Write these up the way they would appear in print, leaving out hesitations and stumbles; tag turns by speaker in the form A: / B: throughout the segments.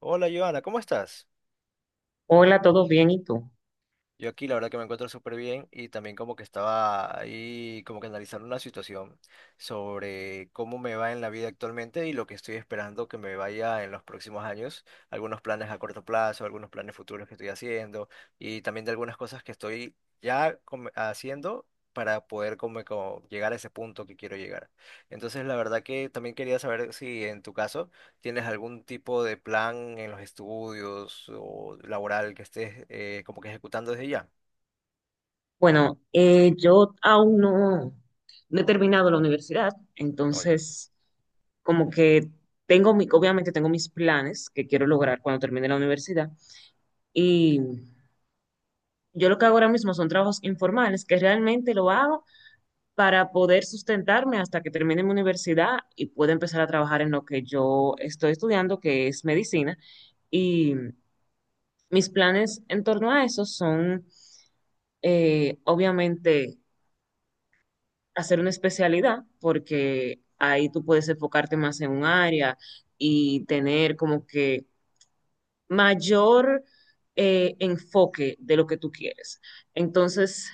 A: Hola, Joana, ¿cómo estás?
B: Hola, ¿todo bien? ¿Y tú?
A: Yo aquí la verdad que me encuentro súper bien y también como que estaba ahí como que analizando una situación sobre cómo me va en la vida actualmente y lo que estoy esperando que me vaya en los próximos años, algunos planes a corto plazo, algunos planes futuros que estoy haciendo y también de algunas cosas que estoy ya haciendo para poder como, como llegar a ese punto que quiero llegar. Entonces la verdad que también quería saber si en tu caso... ¿Tienes algún tipo de plan en los estudios o laboral que estés como que ejecutando desde ya?
B: Bueno, yo aún no he terminado la universidad,
A: Oye.
B: entonces como que obviamente tengo mis planes que quiero lograr cuando termine la universidad, y yo lo que hago ahora mismo son trabajos informales que realmente lo hago para poder sustentarme hasta que termine mi universidad y pueda empezar a trabajar en lo que yo estoy estudiando, que es medicina. Y mis planes en torno a eso son, obviamente hacer una especialidad porque ahí tú puedes enfocarte más en un área y tener como que mayor enfoque de lo que tú quieres. Entonces,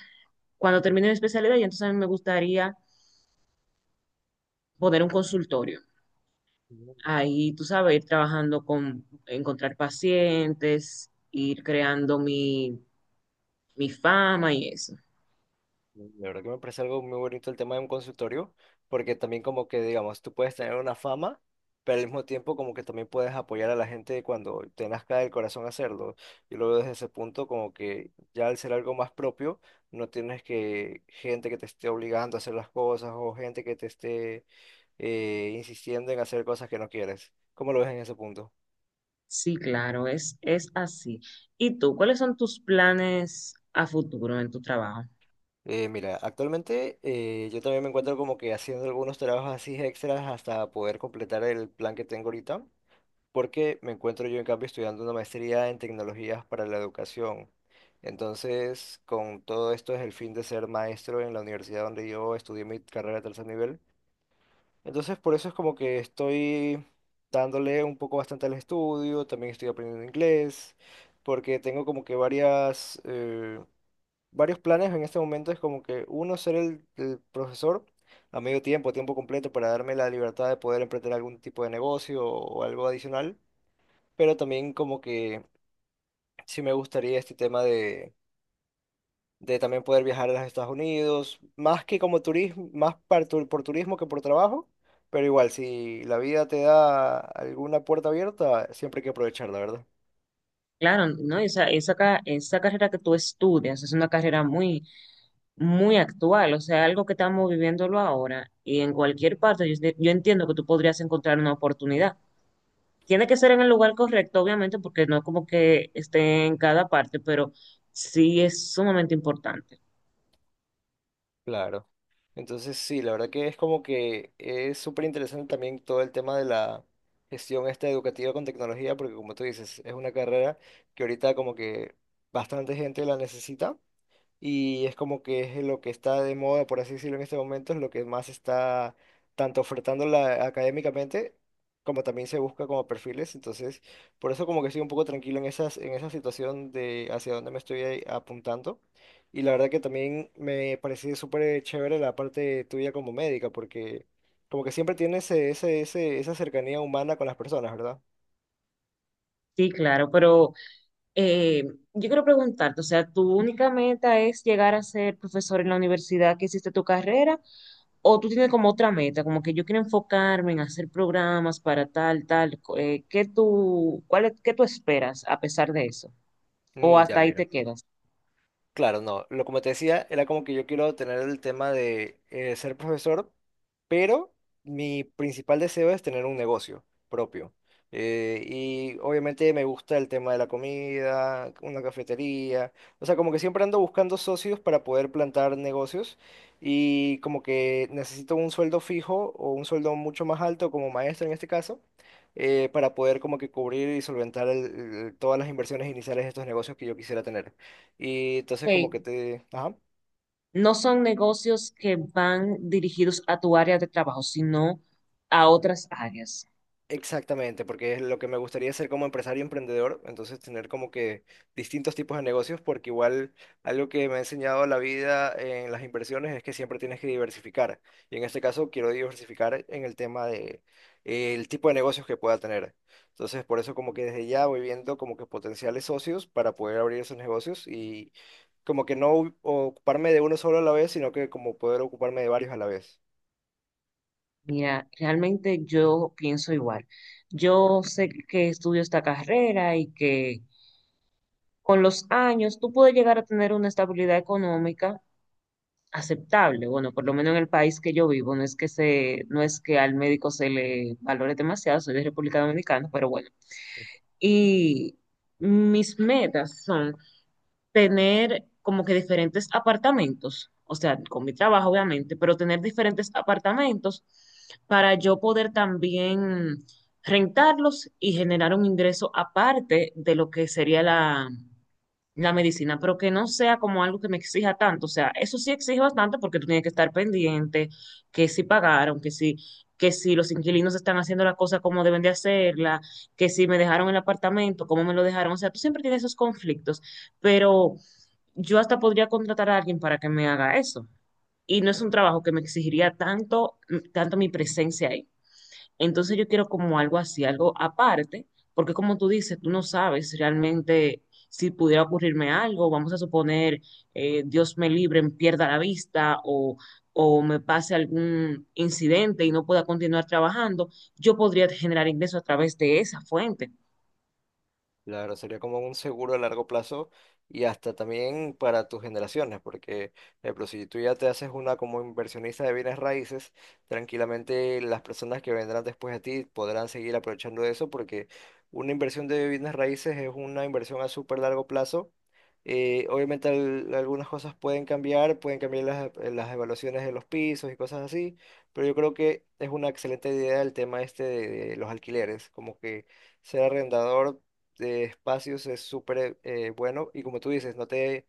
B: cuando termine mi especialidad, y entonces a mí me gustaría poner un consultorio.
A: Mm,
B: Ahí, tú sabes, ir trabajando con encontrar pacientes, ir creando mi fama y eso.
A: la verdad que me parece algo muy bonito el tema de un consultorio, porque también como que, digamos, tú puedes tener una fama, pero al mismo tiempo como que también puedes apoyar a la gente cuando te nazca del corazón hacerlo. Yo lo veo desde ese punto como que ya al ser algo más propio, no tienes que gente que te esté obligando a hacer las cosas o gente que te esté insistiendo en hacer cosas que no quieres. ¿Cómo lo ves en ese punto?
B: Sí, claro, es así. ¿Y tú, cuáles son tus planes a futuro en tu trabajo?
A: Mira, actualmente yo también me encuentro como que haciendo algunos trabajos así extras hasta poder completar el plan que tengo ahorita, porque me encuentro yo en cambio estudiando una maestría en tecnologías para la educación. Entonces, con todo esto es el fin de ser maestro en la universidad donde yo estudié mi carrera de tercer nivel. Entonces, por eso es como que estoy dándole un poco bastante al estudio, también estoy aprendiendo inglés, porque tengo como que varias... varios planes en este momento es como que uno ser el profesor a medio tiempo, tiempo completo, para darme la libertad de poder emprender algún tipo de negocio o algo adicional, pero también como que sí me gustaría este tema de también poder viajar a los Estados Unidos, más que como turismo, más por turismo que por trabajo, pero igual, si la vida te da alguna puerta abierta, siempre hay que aprovecharla, ¿verdad?
B: Claro, ¿no? Esa carrera que tú estudias es una carrera muy actual, o sea, algo que estamos viviéndolo ahora y en cualquier parte yo entiendo que tú podrías encontrar una oportunidad. Tiene que ser en el lugar correcto, obviamente, porque no como que esté en cada parte, pero sí es sumamente importante.
A: Claro. Entonces, sí, la verdad que es como que es súper interesante también todo el tema de la gestión esta educativa con tecnología, porque como tú dices, es una carrera que ahorita como que bastante gente la necesita y es como que es lo que está de moda, por así decirlo, en este momento, es lo que más está tanto ofertando la, académicamente como también se busca como perfiles, entonces por eso como que estoy un poco tranquilo en esas, en esa situación de hacia dónde me estoy ahí apuntando. Y la verdad que también me pareció súper chévere la parte tuya como médica, porque como que siempre tienes esa cercanía humana con las personas, ¿verdad?
B: Sí, claro, pero Eh, yo quiero preguntarte, o sea, ¿tu única meta es llegar a ser profesor en la universidad que hiciste tu carrera? ¿O tú tienes como otra meta, como que yo quiero enfocarme en hacer programas para ¿qué tú, qué tú esperas a pesar de eso? ¿O
A: Mm, ya
B: hasta ahí
A: mira.
B: te quedas?
A: Claro, no. Lo como te decía, era como que yo quiero tener el tema de ser profesor, pero mi principal deseo es tener un negocio propio. Y obviamente me gusta el tema de la comida, una cafetería. O sea, como que siempre ando buscando socios para poder plantar negocios y como que necesito un sueldo fijo o un sueldo mucho más alto como maestro en este caso. Para poder como que cubrir y solventar todas las inversiones iniciales de estos negocios que yo quisiera tener. Y entonces como que
B: Ok,
A: te... Ajá.
B: no son negocios que van dirigidos a tu área de trabajo, sino a otras áreas.
A: Exactamente, porque es lo que me gustaría ser como empresario emprendedor, entonces tener como que distintos tipos de negocios, porque igual algo que me ha enseñado la vida en las inversiones es que siempre tienes que diversificar. Y en este caso quiero diversificar en el tema de el tipo de negocios que pueda tener. Entonces, por eso como que desde ya voy viendo como que potenciales socios para poder abrir esos negocios y como que no ocuparme de uno solo a la vez, sino que como poder ocuparme de varios a la vez.
B: Mira, realmente yo pienso igual. Yo sé que estudio esta carrera y que con los años tú puedes llegar a tener una estabilidad económica aceptable. Bueno, por lo menos en el país que yo vivo, no es que no es que al médico se le valore demasiado, soy de República Dominicana, pero bueno. Y mis metas son tener como que diferentes apartamentos, o sea, con mi trabajo obviamente, pero tener diferentes apartamentos para yo poder también rentarlos y generar un ingreso aparte de lo que sería la medicina, pero que no sea como algo que me exija tanto. O sea, eso sí exige bastante porque tú tienes que estar pendiente, que si pagaron, que si los inquilinos están haciendo la cosa como deben de hacerla, que si me dejaron el apartamento, cómo me lo dejaron. O sea, tú siempre tienes esos conflictos, pero yo hasta podría contratar a alguien para que me haga eso. Y no es un trabajo que me exigiría tanto, tanto mi presencia ahí. Entonces yo quiero como algo así, algo aparte, porque como tú dices, tú no sabes realmente si pudiera ocurrirme algo, vamos a suponer, Dios me libre, pierda la vista o me pase algún incidente y no pueda continuar trabajando, yo podría generar ingresos a través de esa fuente.
A: Claro, sería como un seguro a largo plazo y hasta también para tus generaciones, porque, por ejemplo, si tú ya te haces una como inversionista de bienes raíces, tranquilamente las personas que vendrán después de ti podrán seguir aprovechando eso, porque una inversión de bienes raíces es una inversión a súper largo plazo. Obviamente algunas cosas pueden cambiar las evaluaciones de los pisos y cosas así, pero yo creo que es una excelente idea el tema este de los alquileres, como que ser arrendador de espacios es súper bueno y como tú dices, no te...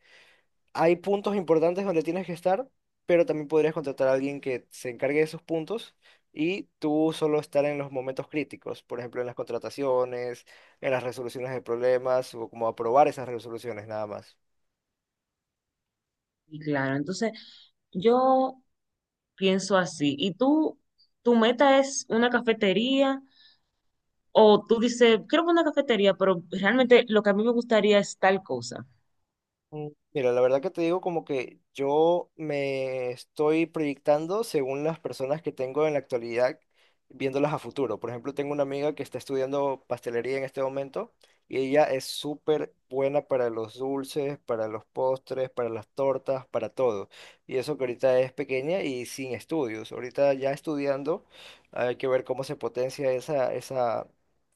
A: hay puntos importantes donde tienes que estar, pero también podrías contratar a alguien que se encargue de esos puntos y tú solo estar en los momentos críticos, por ejemplo, en las contrataciones, en las resoluciones de problemas o como aprobar esas resoluciones nada más.
B: Y claro, entonces yo pienso así. ¿Y tú, tu meta es una cafetería o tú dices, quiero una cafetería, pero realmente lo que a mí me gustaría es tal cosa?
A: Mm, mira, la verdad que te digo como que yo me estoy proyectando según las personas que tengo en la actualidad, viéndolas a futuro. Por ejemplo, tengo una amiga que está estudiando pastelería en este momento y ella es súper buena para los dulces, para los postres, para las tortas, para todo. Y eso que ahorita es pequeña y sin estudios. Ahorita ya estudiando, hay que ver cómo se potencia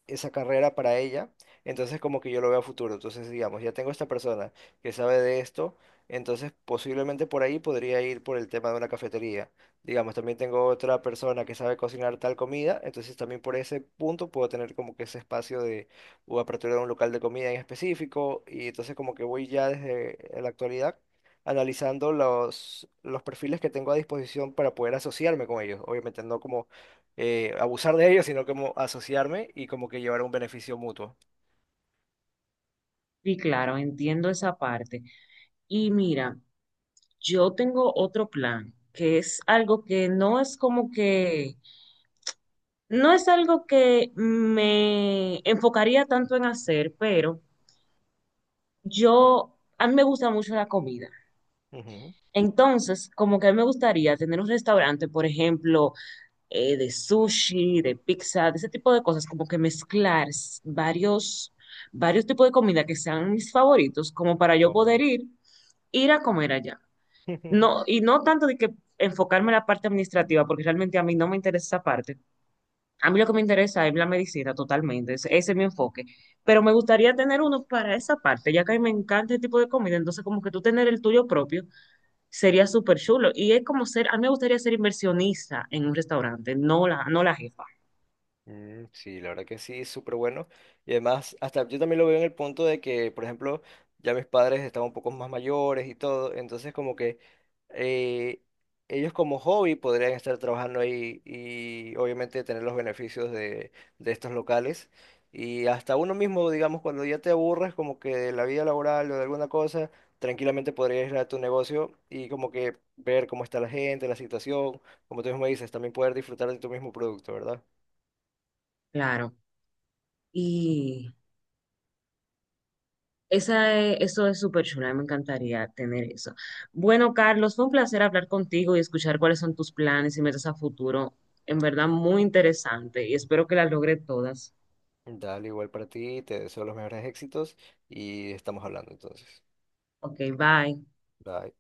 A: esa carrera para ella. Entonces como que yo lo veo a futuro. Entonces, digamos, ya tengo esta persona que sabe de esto, entonces posiblemente por ahí podría ir por el tema de una cafetería. Digamos, también tengo otra persona que sabe cocinar tal comida, entonces también por ese punto puedo tener como que ese espacio de o apertura de un local de comida en específico, y entonces como que voy ya desde la actualidad analizando los perfiles que tengo a disposición para poder asociarme con ellos. Obviamente no como abusar de ellos, sino como asociarme y como que llevar un beneficio mutuo.
B: Sí, claro, entiendo esa parte. Y mira, yo tengo otro plan, que es algo que no es como no es algo que me enfocaría tanto en hacer, pero a mí me gusta mucho la comida.
A: Ujú.
B: Entonces, como que a mí me gustaría tener un restaurante, por ejemplo, de sushi, de pizza, de ese tipo de cosas, como que mezclar varios tipos de comida que sean mis favoritos, como para yo poder
A: No.
B: ir a comer allá. No, y no tanto de que enfocarme en la parte administrativa, porque realmente a mí no me interesa esa parte. A mí lo que me interesa es la medicina totalmente, ese es mi enfoque. Pero me gustaría tener uno para esa parte, ya que a mí me encanta este tipo de comida, entonces como que tú tener el tuyo propio sería súper chulo. Y es como ser, a mí me gustaría ser inversionista en un restaurante, no la jefa,
A: Mm, sí, la verdad que sí, súper bueno. Y además, hasta yo también lo veo en el punto de que, por ejemplo, ya mis padres estaban un poco más mayores y todo, entonces como que eh, ellos como hobby podrían estar trabajando ahí y obviamente tener los beneficios de estos locales. Y hasta uno mismo, digamos, cuando ya te aburres como que de la vida laboral o de alguna cosa, tranquilamente podrías ir a tu negocio y como que ver cómo está la gente, la situación, como tú mismo dices, también poder disfrutar de tu mismo producto, ¿verdad?
B: claro. Y Eso es súper chula, me encantaría tener eso. Bueno, Carlos, fue un placer hablar contigo y escuchar cuáles son tus planes y metas a futuro. En verdad, muy interesante y espero que las logre todas.
A: Dale, igual para ti, te deseo los mejores éxitos y estamos hablando entonces.
B: Ok, bye.
A: Bye.